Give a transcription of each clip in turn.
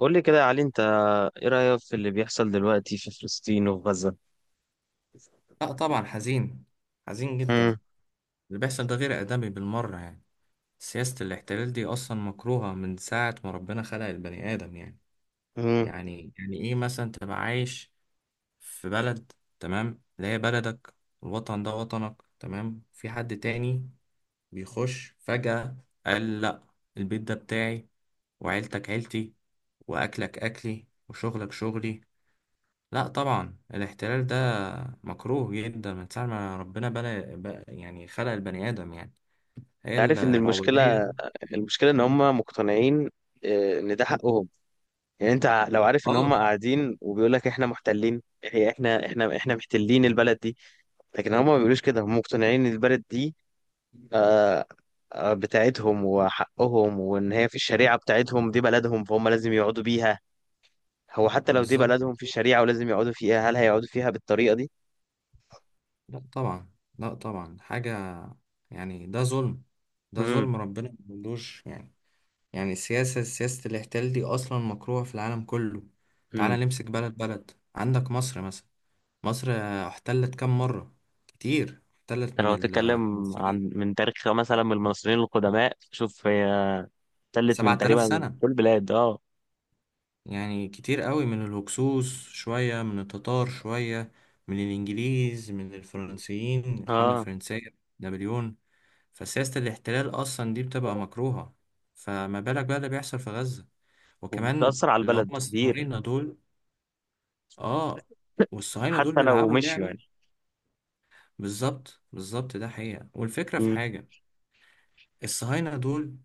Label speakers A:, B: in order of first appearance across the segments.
A: قول لي كده يا علي، انت ايه رأيك في اللي بيحصل دلوقتي في فلسطين وفي غزة؟
B: لا طبعا حزين. حزين جدا.
A: مم.
B: اللي بيحصل ده غير آدمي بالمرة يعني. سياسة الاحتلال دي أصلا مكروهة من ساعة ما ربنا خلق البني آدم يعني.
A: مم.
B: يعني إيه مثلا تبقى عايش في بلد، تمام، اللي هي بلدك، الوطن ده وطنك، تمام، في حد تاني بيخش فجأة، قال لأ البيت ده بتاعي وعيلتك عيلتي وأكلك أكلي وشغلك شغلي. لا طبعا الاحتلال ده مكروه جدا من ساعة ما ربنا يعني خلق البني آدم يعني. هي
A: عارف ان المشكلة
B: العبودية.
A: المشكلة ان هم مقتنعين، اه، ان ده حقهم. يعني انت لو عارف ان هم
B: اه،
A: قاعدين وبيقول لك احنا محتلين، هي احنا محتلين البلد دي. لكن هم ما بيقولوش كده، هم مقتنعين ان البلد دي آه، بتاعتهم وحقهم، وان هي في الشريعة بتاعتهم دي بلدهم، فهم لازم يقعدوا بيها. هو حتى لو دي
B: بالظبط.
A: بلدهم في الشريعة ولازم يقعدوا فيها، هل هيقعدوا فيها بالطريقة
B: لا طبعا. لا طبعا حاجة، يعني ده ظلم.
A: دي؟
B: ده ظلم ربنا ملوش يعني. يعني السياسة، سياسة الاحتلال دي أصلا مكروهة في العالم كله. تعالى
A: امم.
B: نمسك بلد بلد، عندك مصر مثلا. مصر احتلت كم مرة؟ كتير. احتلت
A: انت
B: من
A: لو تتكلم
B: الفرنسيين،
A: عن من تاريخ مثلا من المصريين القدماء، شوف هي تلت من
B: 7000
A: تقريبا من
B: سنة
A: كل البلاد. اه.
B: يعني، كتير قوي. من الهكسوس شوية، من التتار شوية، من الإنجليز، من الفرنسيين، الحملة
A: اه،
B: الفرنسية، نابليون. فسياسة الاحتلال أصلا دي بتبقى مكروهة. فما بالك بقى اللي بيحصل في غزة، وكمان
A: وبتأثر على
B: اللي
A: البلد
B: هم
A: كتير.
B: الصهاينة دول. آه. والصهاينة دول
A: حتى لو
B: بيلعبوا
A: مشيوا
B: لعبة.
A: يعني.
B: بالظبط، بالظبط، ده حقيقة. والفكرة في
A: امم.
B: حاجة، الصهاينة دول،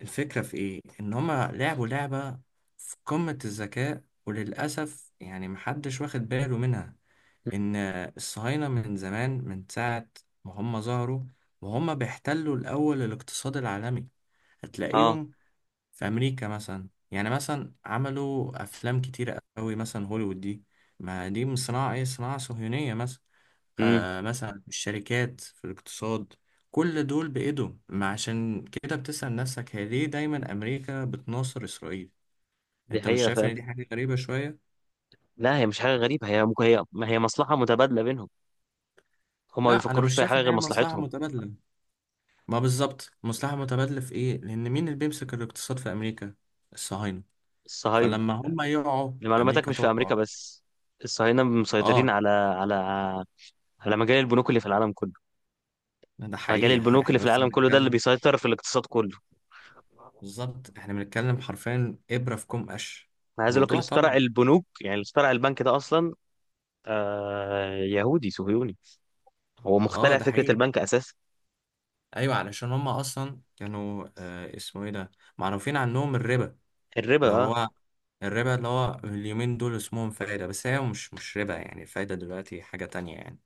B: الفكرة في إيه؟ إن هما لعبوا لعبة في قمة الذكاء، وللأسف يعني محدش واخد باله منها. ان الصهاينة من زمان، من ساعة ما هم ظهروا وهم بيحتلوا الاول الاقتصاد العالمي.
A: اه.
B: هتلاقيهم في امريكا مثلا، يعني مثلا عملوا افلام كتيرة قوي، مثلا هوليوود دي، ما دي من صناعة ايه؟ صناعة صهيونية مثلا.
A: امم.
B: آه، مثلا الشركات في الاقتصاد، كل دول بإيدهم. ما عشان كده بتسأل نفسك، هي ليه دايما أمريكا بتناصر إسرائيل؟
A: دي
B: أنت مش
A: حقيقة
B: شايف
A: فعلا.
B: إن دي حاجة غريبة شوية؟
A: لا هي مش حاجة غريبة، هي ممكن هي ما هي مصلحة متبادلة بينهم. هما ما
B: لا، أنا
A: بيفكروش
B: مش
A: في أي
B: شايف
A: حاجة
B: إن
A: غير
B: هي مصلحة
A: مصلحتهم.
B: متبادلة. ما بالظبط، مصلحة متبادلة في إيه؟ لأن مين اللي بيمسك الاقتصاد في أمريكا؟ الصهاينة.
A: الصهاينة.
B: فلما هم يقعوا،
A: لمعلوماتك
B: أمريكا
A: مش في
B: تقع.
A: أمريكا بس، الصهاينة مسيطرين
B: آه،
A: على مجال البنوك اللي في العالم كله.
B: ده
A: مجال
B: حقيقي.
A: البنوك اللي
B: إحنا
A: في
B: بس
A: العالم كله ده اللي
B: بنتكلم.
A: بيسيطر في الاقتصاد كله.
B: بالظبط، إحنا بنتكلم حرفيا إبرة في كوم قش.
A: انا عايز اقول لك، اللي
B: الموضوع
A: اخترع
B: طبيعي.
A: البنوك، يعني اللي اخترع البنك ده اصلا، آه، يهودي صهيوني. هو
B: آه،
A: مخترع
B: ده
A: فكره
B: حقيقي.
A: البنك اساسا.
B: أيوة، علشان هم أصلا كانوا آه اسمه إيه ده؟ معروفين عنهم الربا،
A: الربا.
B: اللي
A: اه.
B: هو الربا. اللي هو اليومين دول اسمهم فايدة، بس هي مش ربا يعني، الفايدة دلوقتي حاجة تانية يعني.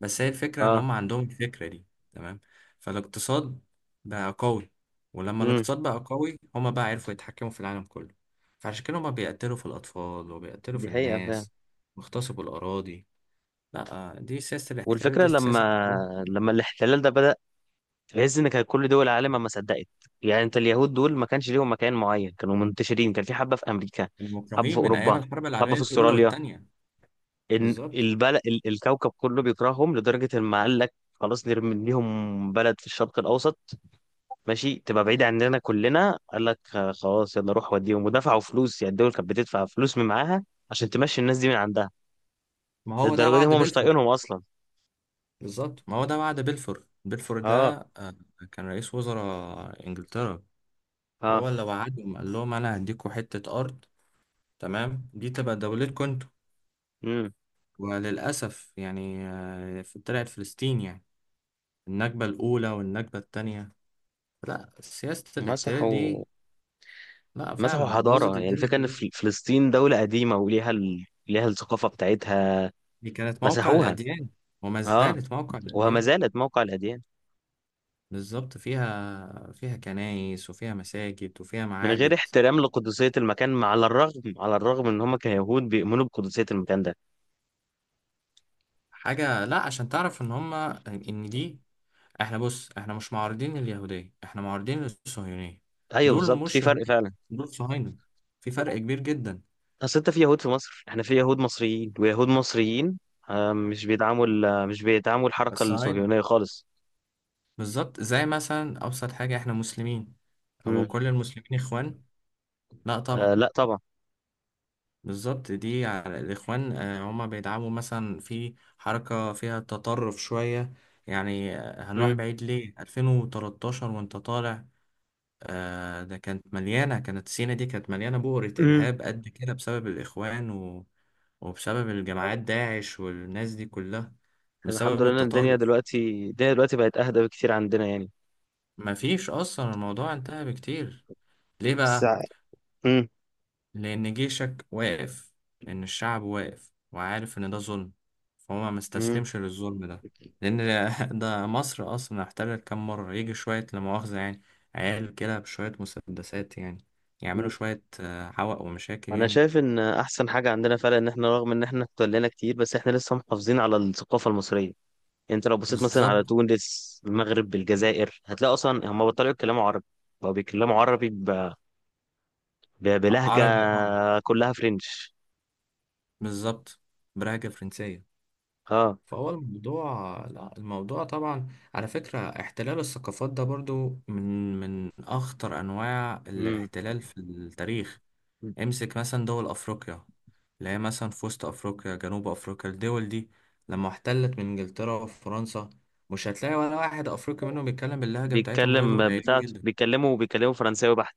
B: بس هي الفكرة ان
A: اه.
B: هم عندهم الفكرة دي، تمام. فالاقتصاد بقى قوي، ولما
A: امم.
B: الاقتصاد بقى قوي هم بقى عرفوا يتحكموا في العالم كله. فعشان كده هم بيقتلوا في الاطفال وبيقتلوا
A: دي
B: في
A: حقيقه فعلا.
B: الناس، بيغتصبوا الاراضي. لا، دي سياسة الاحتلال،
A: والفكره
B: دي سياسة مكروهة.
A: لما الاحتلال ده بدا، تحس ان كان كل دول العالم ما صدقت. يعني انت اليهود دول ما كانش ليهم مكان معين، كانوا منتشرين، كان في حبه في امريكا،
B: يعني
A: حبه في
B: مكروهين من ايام
A: اوروبا،
B: الحرب
A: حبه
B: العالمية
A: في
B: الاولى
A: استراليا.
B: والتانية.
A: ان
B: بالظبط،
A: البلد، الكوكب كله بيكرههم لدرجه ان ما قال لك خلاص نرمي ليهم بلد في الشرق الاوسط، ماشي تبقى بعيد عننا كلنا. قال لك خلاص يلا روح وديهم، ودفعوا فلوس، يعني الدول كانت بتدفع فلوس من معاها عشان تمشي الناس دي من عندها.
B: ما هو ده
A: للدرجه دي
B: وعد
A: هم مش
B: بلفور.
A: طايقينهم اصلا.
B: بلفور ده
A: اه.
B: كان رئيس وزراء انجلترا. هو
A: اه.
B: اللي وعدهم، قال لهم انا هديكوا حتة ارض، تمام، دي تبقى دولتكم انتوا.
A: امم.
B: وللأسف يعني، طلعت فلسطين يعني، النكبة الأولى والنكبة التانية. لا سياسة الاحتلال
A: مسحوا.
B: دي، لا
A: مسحوا
B: فعلا
A: حضاره.
B: بوظت
A: يعني
B: الدنيا
A: الفكره ان
B: كلها.
A: فلسطين دوله قديمه وليها ليها الثقافه بتاعتها.
B: دي كانت موقع
A: مسحوها.
B: الأديان، وما
A: اه.
B: زالت موقع
A: وما
B: الأديان.
A: زالت موقع الاديان.
B: بالظبط، فيها فيها كنايس وفيها مساجد وفيها
A: من غير
B: معابد.
A: احترام لقدسيه المكان، على الرغم ان هم كيهود بيؤمنوا بقدسيه المكان ده.
B: حاجة، لا، عشان تعرف إن هما، إن دي، إحنا بص إحنا مش معارضين اليهودية، إحنا معارضين الصهيونية.
A: ايوه
B: دول
A: بالظبط، في
B: مش
A: فرق
B: يهود،
A: فعلا.
B: دول صهاينة، في فرق كبير جدا.
A: اصل انت في يهود في مصر، احنا في يهود مصريين ويهود مصريين، مش بيدعموا مش بيدعموا الحركة
B: بس عينة.
A: الصهيونية خالص.
B: بالظبط، زي مثلا أبسط حاجة، إحنا مسلمين أو
A: امم.
B: كل المسلمين إخوان؟ لا
A: آه.
B: طبعا.
A: لا طبعا.
B: بالظبط، دي على الإخوان. هما بيدعموا مثلا في حركة فيها تطرف شوية يعني. هنروح
A: امم.
B: بعيد ليه، 2013 وأنت طالع، ده كانت مليانة، كانت سينا دي كانت مليانة بؤرة
A: امم.
B: إرهاب قد كده، بسبب الإخوان وبسبب الجماعات داعش والناس دي كلها،
A: الحمد
B: بسبب
A: لله إن الدنيا
B: التطرف.
A: دلوقتي، الدنيا دلوقتي بقت اهدى بكتير عندنا يعني.
B: مفيش أصلا، الموضوع انتهى بكتير. ليه
A: بس.
B: بقى؟
A: امم.
B: لأن جيشك واقف، إن الشعب واقف وعارف إن ده ظلم، فهو ما
A: امم.
B: مستسلمش للظلم ده. لأن ده مصر أصلا احتلت كام مرة، يجي شوية لا مؤاخذة يعني عيال كده بشوية مسدسات يعني، يعملوا
A: مم.
B: شوية حوق ومشاكل
A: انا
B: يعني.
A: شايف ان احسن حاجه عندنا فعلا ان احنا رغم ان احنا اتولينا كتير، بس احنا لسه محافظين على الثقافه المصريه يعني. انت لو بصيت مثلا على
B: بالظبط.
A: تونس المغرب الجزائر، هتلاقي اصلا هم بطلوا يتكلموا عربي، بقوا بيتكلموا عربي بلهجة
B: عربي اه.
A: كلها فرنش.
B: بالظبط، برهجة فرنسية.
A: اه.
B: فهو الموضوع لا، الموضوع طبعا. على فكرة، احتلال الثقافات ده برضو من أخطر أنواع
A: امم.
B: الاحتلال في التاريخ. امسك مثلا دول افريقيا، اللي هي مثلا في وسط افريقيا، جنوب افريقيا، الدول دي لما احتلت من انجلترا وفرنسا، مش هتلاقي ولا واحد افريقي منهم بيتكلم باللهجة بتاعتهم، غير
A: بيتكلم
B: قليلين
A: بتاعته،
B: جدا.
A: بيتكلموا فرنساوي بحت.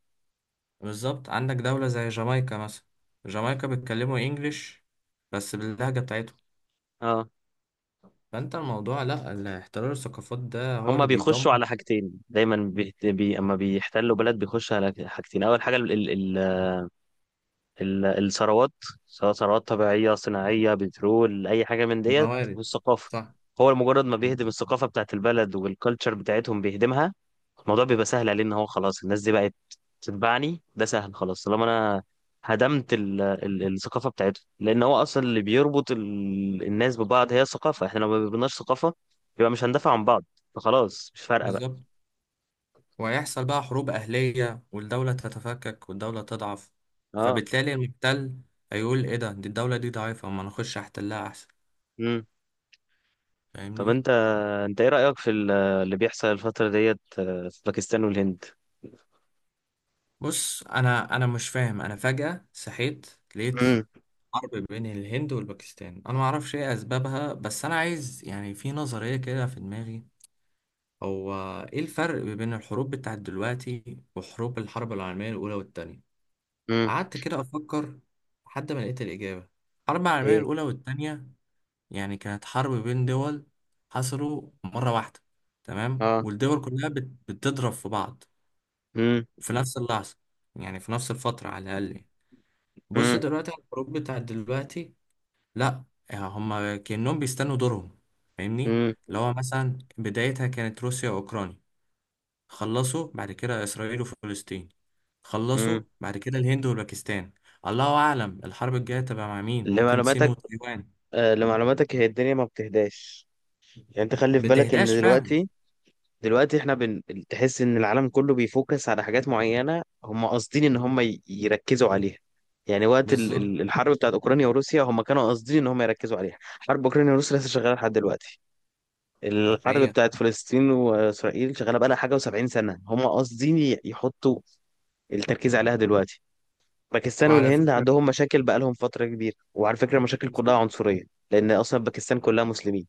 B: بالظبط. عندك دولة زي جامايكا مثلا، جامايكا بيتكلموا انجليش، بس باللهجة بتاعتهم.
A: اه.
B: فانت الموضوع، لا الاحترار الثقافات ده هو
A: هما
B: اللي
A: بيخشوا
B: بيدمر.
A: على حاجتين دايما اما بيحتلوا بلد بيخشوا على حاجتين. اول حاجة الثروات، سواء ثروات طبيعية صناعية بترول أي حاجة من ديت،
B: الموارد،
A: والثقافة.
B: صح.
A: هو مجرد ما بيهدم الثقافة بتاعت البلد والكالتشر بتاعتهم بيهدمها، الموضوع بيبقى سهل عليه إن هو خلاص الناس دي بقت تتبعني. ده سهل خلاص طالما أنا هدمت ال ال الثقافة بتاعتهم، لأن هو أصلا اللي بيربط الناس ببعض هي الثقافة. إحنا لو ما بيبناش ثقافة، يبقى مش هندافع عن بعض، فخلاص مش فارقة بقى.
B: بالظبط، وهيحصل بقى حروب أهلية، والدولة تتفكك والدولة تضعف،
A: أه.
B: فبالتالي المحتل هيقول إيه ده؟ دي الدولة دي ضعيفة، ما نخش أحتلها أحسن.
A: مم. طب
B: فاهمني.
A: أنت، أنت إيه رأيك في اللي بيحصل الفترة ديت في باكستان والهند؟
B: بص، أنا مش فاهم، أنا فجأة صحيت لقيت
A: امم.
B: حرب بين الهند والباكستان. أنا معرفش إيه أسبابها، بس أنا عايز يعني، في نظرية كده في دماغي، هو إيه الفرق بين الحروب بتاعت دلوقتي وحروب الحرب العالمية الأولى والتانية؟
A: امم.
B: قعدت كده أفكر، لحد ما لقيت الإجابة. الحرب العالمية
A: ايه.
B: الأولى والتانية، يعني كانت حرب بين دول، حصلوا مرة واحدة، تمام،
A: اه.
B: والدول كلها بتضرب في بعض
A: امم.
B: في نفس اللحظة، يعني في نفس الفترة على الأقل يعني. بص
A: امم.
B: دلوقتي على الحروب بتاعت دلوقتي، لا، هم كأنهم بيستنوا دورهم، فاهمني.
A: امم.
B: اللي هو مثلا بدايتها كانت روسيا وأوكرانيا، خلصوا بعد كده إسرائيل وفلسطين،
A: امم.
B: خلصوا بعد كده الهند والباكستان. الله أعلم الحرب الجاية تبقى مع مين، ممكن الصين
A: لمعلوماتك،
B: وتايوان.
A: آه، لمعلوماتك هي الدنيا ما بتهداش. يعني انت خلي في بالك ان
B: بتهداش، فاهم.
A: دلوقتي، دلوقتي احنا تحس ان العالم كله بيفوكس على حاجات معينة هم قاصدين ان هم يركزوا عليها. يعني وقت
B: بالظبط،
A: الحرب بتاعت اوكرانيا وروسيا هم كانوا قاصدين ان هم يركزوا عليها، حرب اوكرانيا وروسيا لسه شغالة لحد دلوقتي.
B: ده
A: الحرب
B: حقيقة.
A: بتاعت فلسطين واسرائيل شغالة بقى لها حاجة و70 سنة، هم قاصدين يحطوا التركيز عليها دلوقتي. باكستان
B: وعلى
A: والهند
B: فكرة،
A: عندهم مشاكل بقالهم فترة كبيرة، وعلى فكرة مشاكل كلها
B: بالظبط،
A: عنصرية، لأن أصلا باكستان كلها مسلمين.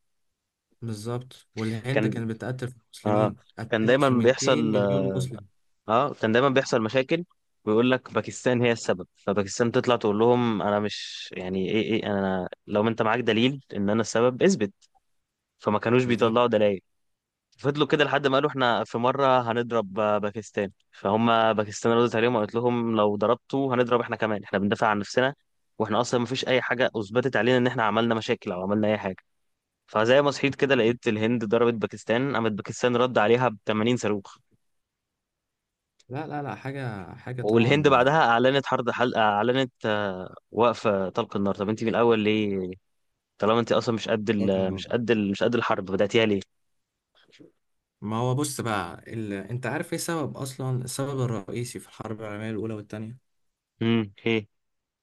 B: بالظبط، والهند
A: كان.
B: كانت بتقتل في
A: آه.
B: المسلمين،
A: كان
B: قتلت
A: دايما
B: في 200
A: بيحصل.
B: مليون مسلم.
A: آه. كان دايما بيحصل مشاكل، ويقول لك باكستان هي السبب، فباكستان تطلع تقول لهم أنا مش يعني إيه إيه، أنا لو أنت معاك دليل إن أنا السبب اثبت، فما كانوش
B: بالظبط.
A: بيطلعوا دلائل. فضلوا كده لحد ما قالوا احنا في مرة هنضرب باكستان، فهم باكستان ردت عليهم وقالت لهم لو ضربتوا هنضرب احنا كمان، احنا بندافع عن نفسنا، واحنا اصلا مفيش اي حاجة اثبتت علينا ان احنا عملنا مشاكل او عملنا اي حاجة. فزي ما صحيت كده لقيت الهند ضربت باكستان، قامت باكستان رد عليها ب 80 صاروخ.
B: لا لا لا، حاجة حاجة
A: والهند
B: طبعا.
A: بعدها اعلنت حرب اعلنت وقف طلق النار. طب انت من الاول ليه؟ طالما انت اصلا
B: لكن-
A: مش قد الحرب، بدأتيها ليه؟
B: ما هو بص بقى انت عارف ايه سبب، اصلا السبب الرئيسي في الحرب العالمية الاولى والتانية؟
A: امم. هي.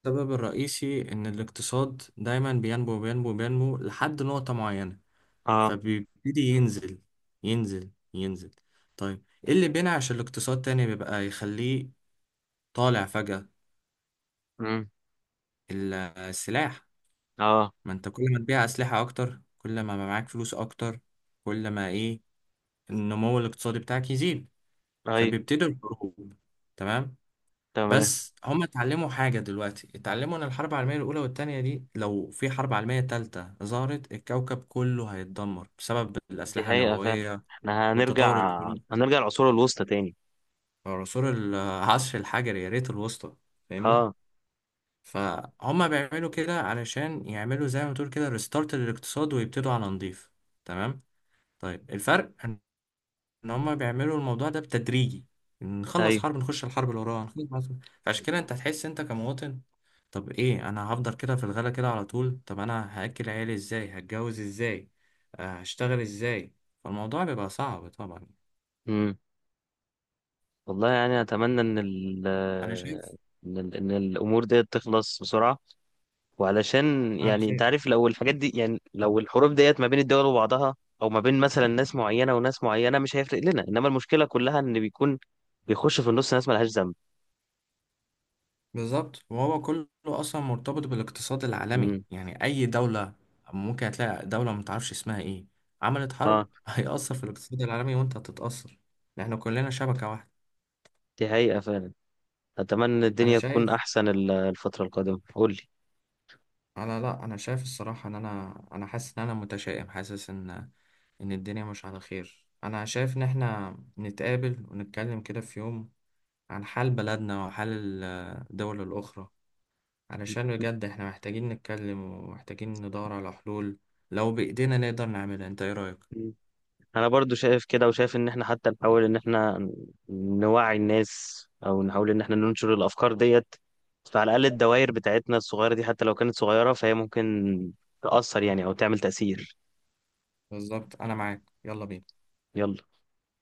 B: السبب الرئيسي ان الاقتصاد دايما بينمو بينمو بينمو لحد نقطة معينة،
A: اه.
B: فبيبتدي ينزل ينزل ينزل. طيب ايه اللي بينعش الاقتصاد تاني، بيبقى يخليه طالع فجأة؟
A: امم.
B: السلاح.
A: اه.
B: ما انت كل ما تبيع اسلحة اكتر، كل ما بقى معاك فلوس اكتر، كل ما ايه، النمو الاقتصادي بتاعك يزيد.
A: ايوه.
B: فبيبتدوا الحروب، تمام.
A: تمام.
B: بس هم اتعلموا حاجة دلوقتي، اتعلموا ان الحرب العالمية الاولى والتانية دي، لو في حرب عالمية تالتة ظهرت، الكوكب كله هيتدمر بسبب
A: دي
B: الاسلحة
A: حقيقة فعلا.
B: النووية.
A: احنا
B: والتطور
A: هنرجع،
B: الجنو-
A: هنرجع العصور الوسطى تاني.
B: عصور، العصر الحجري، يا ريت الوسطى، فاهمني.
A: اه.
B: فهم بيعملوا كده علشان يعملوا زي ما تقول كده ريستارت للاقتصاد، ويبتدوا على نضيف، تمام. طيب الفرق ان، إن هما بيعملوا الموضوع ده بتدريجي، نخلص
A: ايوه.
B: حرب نخش الحرب اللي وراها فعشان كده انت هتحس، انت كمواطن، طب ايه، انا هفضل كده في الغلا كده على طول؟ طب انا هاكل عيالي ازاي؟ هتجوز ازاي؟ هشتغل ازاي؟ فالموضوع بيبقى صعب طبعا.
A: امم. والله يعني اتمنى
B: انا شايف،
A: إن الامور ديت تخلص بسرعه، وعلشان
B: على
A: يعني انت
B: خير.
A: عارف لو الحاجات دي، يعني لو الحروب ديت ما بين الدول وبعضها او ما بين مثلا ناس معينه وناس معينه، مش هيفرق لنا، انما المشكله كلها ان بيكون بيخش في النص ناس ملهاش ذنب.
B: بالظبط، وهو كله اصلا مرتبط بالاقتصاد العالمي،
A: امم.
B: يعني اي دولة، ممكن هتلاقي دولة ما تعرفش اسمها ايه عملت حرب،
A: اه.
B: هيأثر في الاقتصاد العالمي وانت هتتأثر، لان احنا كلنا شبكة واحدة.
A: دي حقيقه فعلا. اتمنى
B: انا
A: الدنيا تكون
B: شايف،
A: احسن الفتره القادمه. قول
B: لا انا شايف الصراحه ان انا حاسس ان انا متشائم، حاسس ان ان الدنيا مش على خير. انا شايف ان احنا نتقابل ونتكلم كده في يوم عن حال بلدنا وحال الدول الاخرى، علشان بجد احنا محتاجين نتكلم ومحتاجين ندور على حلول، لو بايدينا نقدر نعملها. انت ايه رايك؟
A: لي. انا برضو شايف كده، وشايف ان احنا حتى نحاول ان احنا نوعي الناس او نحاول ان احنا ننشر الافكار ديت، فعلى الاقل الدوائر بتاعتنا الصغيره دي حتى لو كانت صغيره فهي ممكن تاثر يعني او تعمل تاثير.
B: بالظبط، انا معاك، يلا بينا.
A: يلا.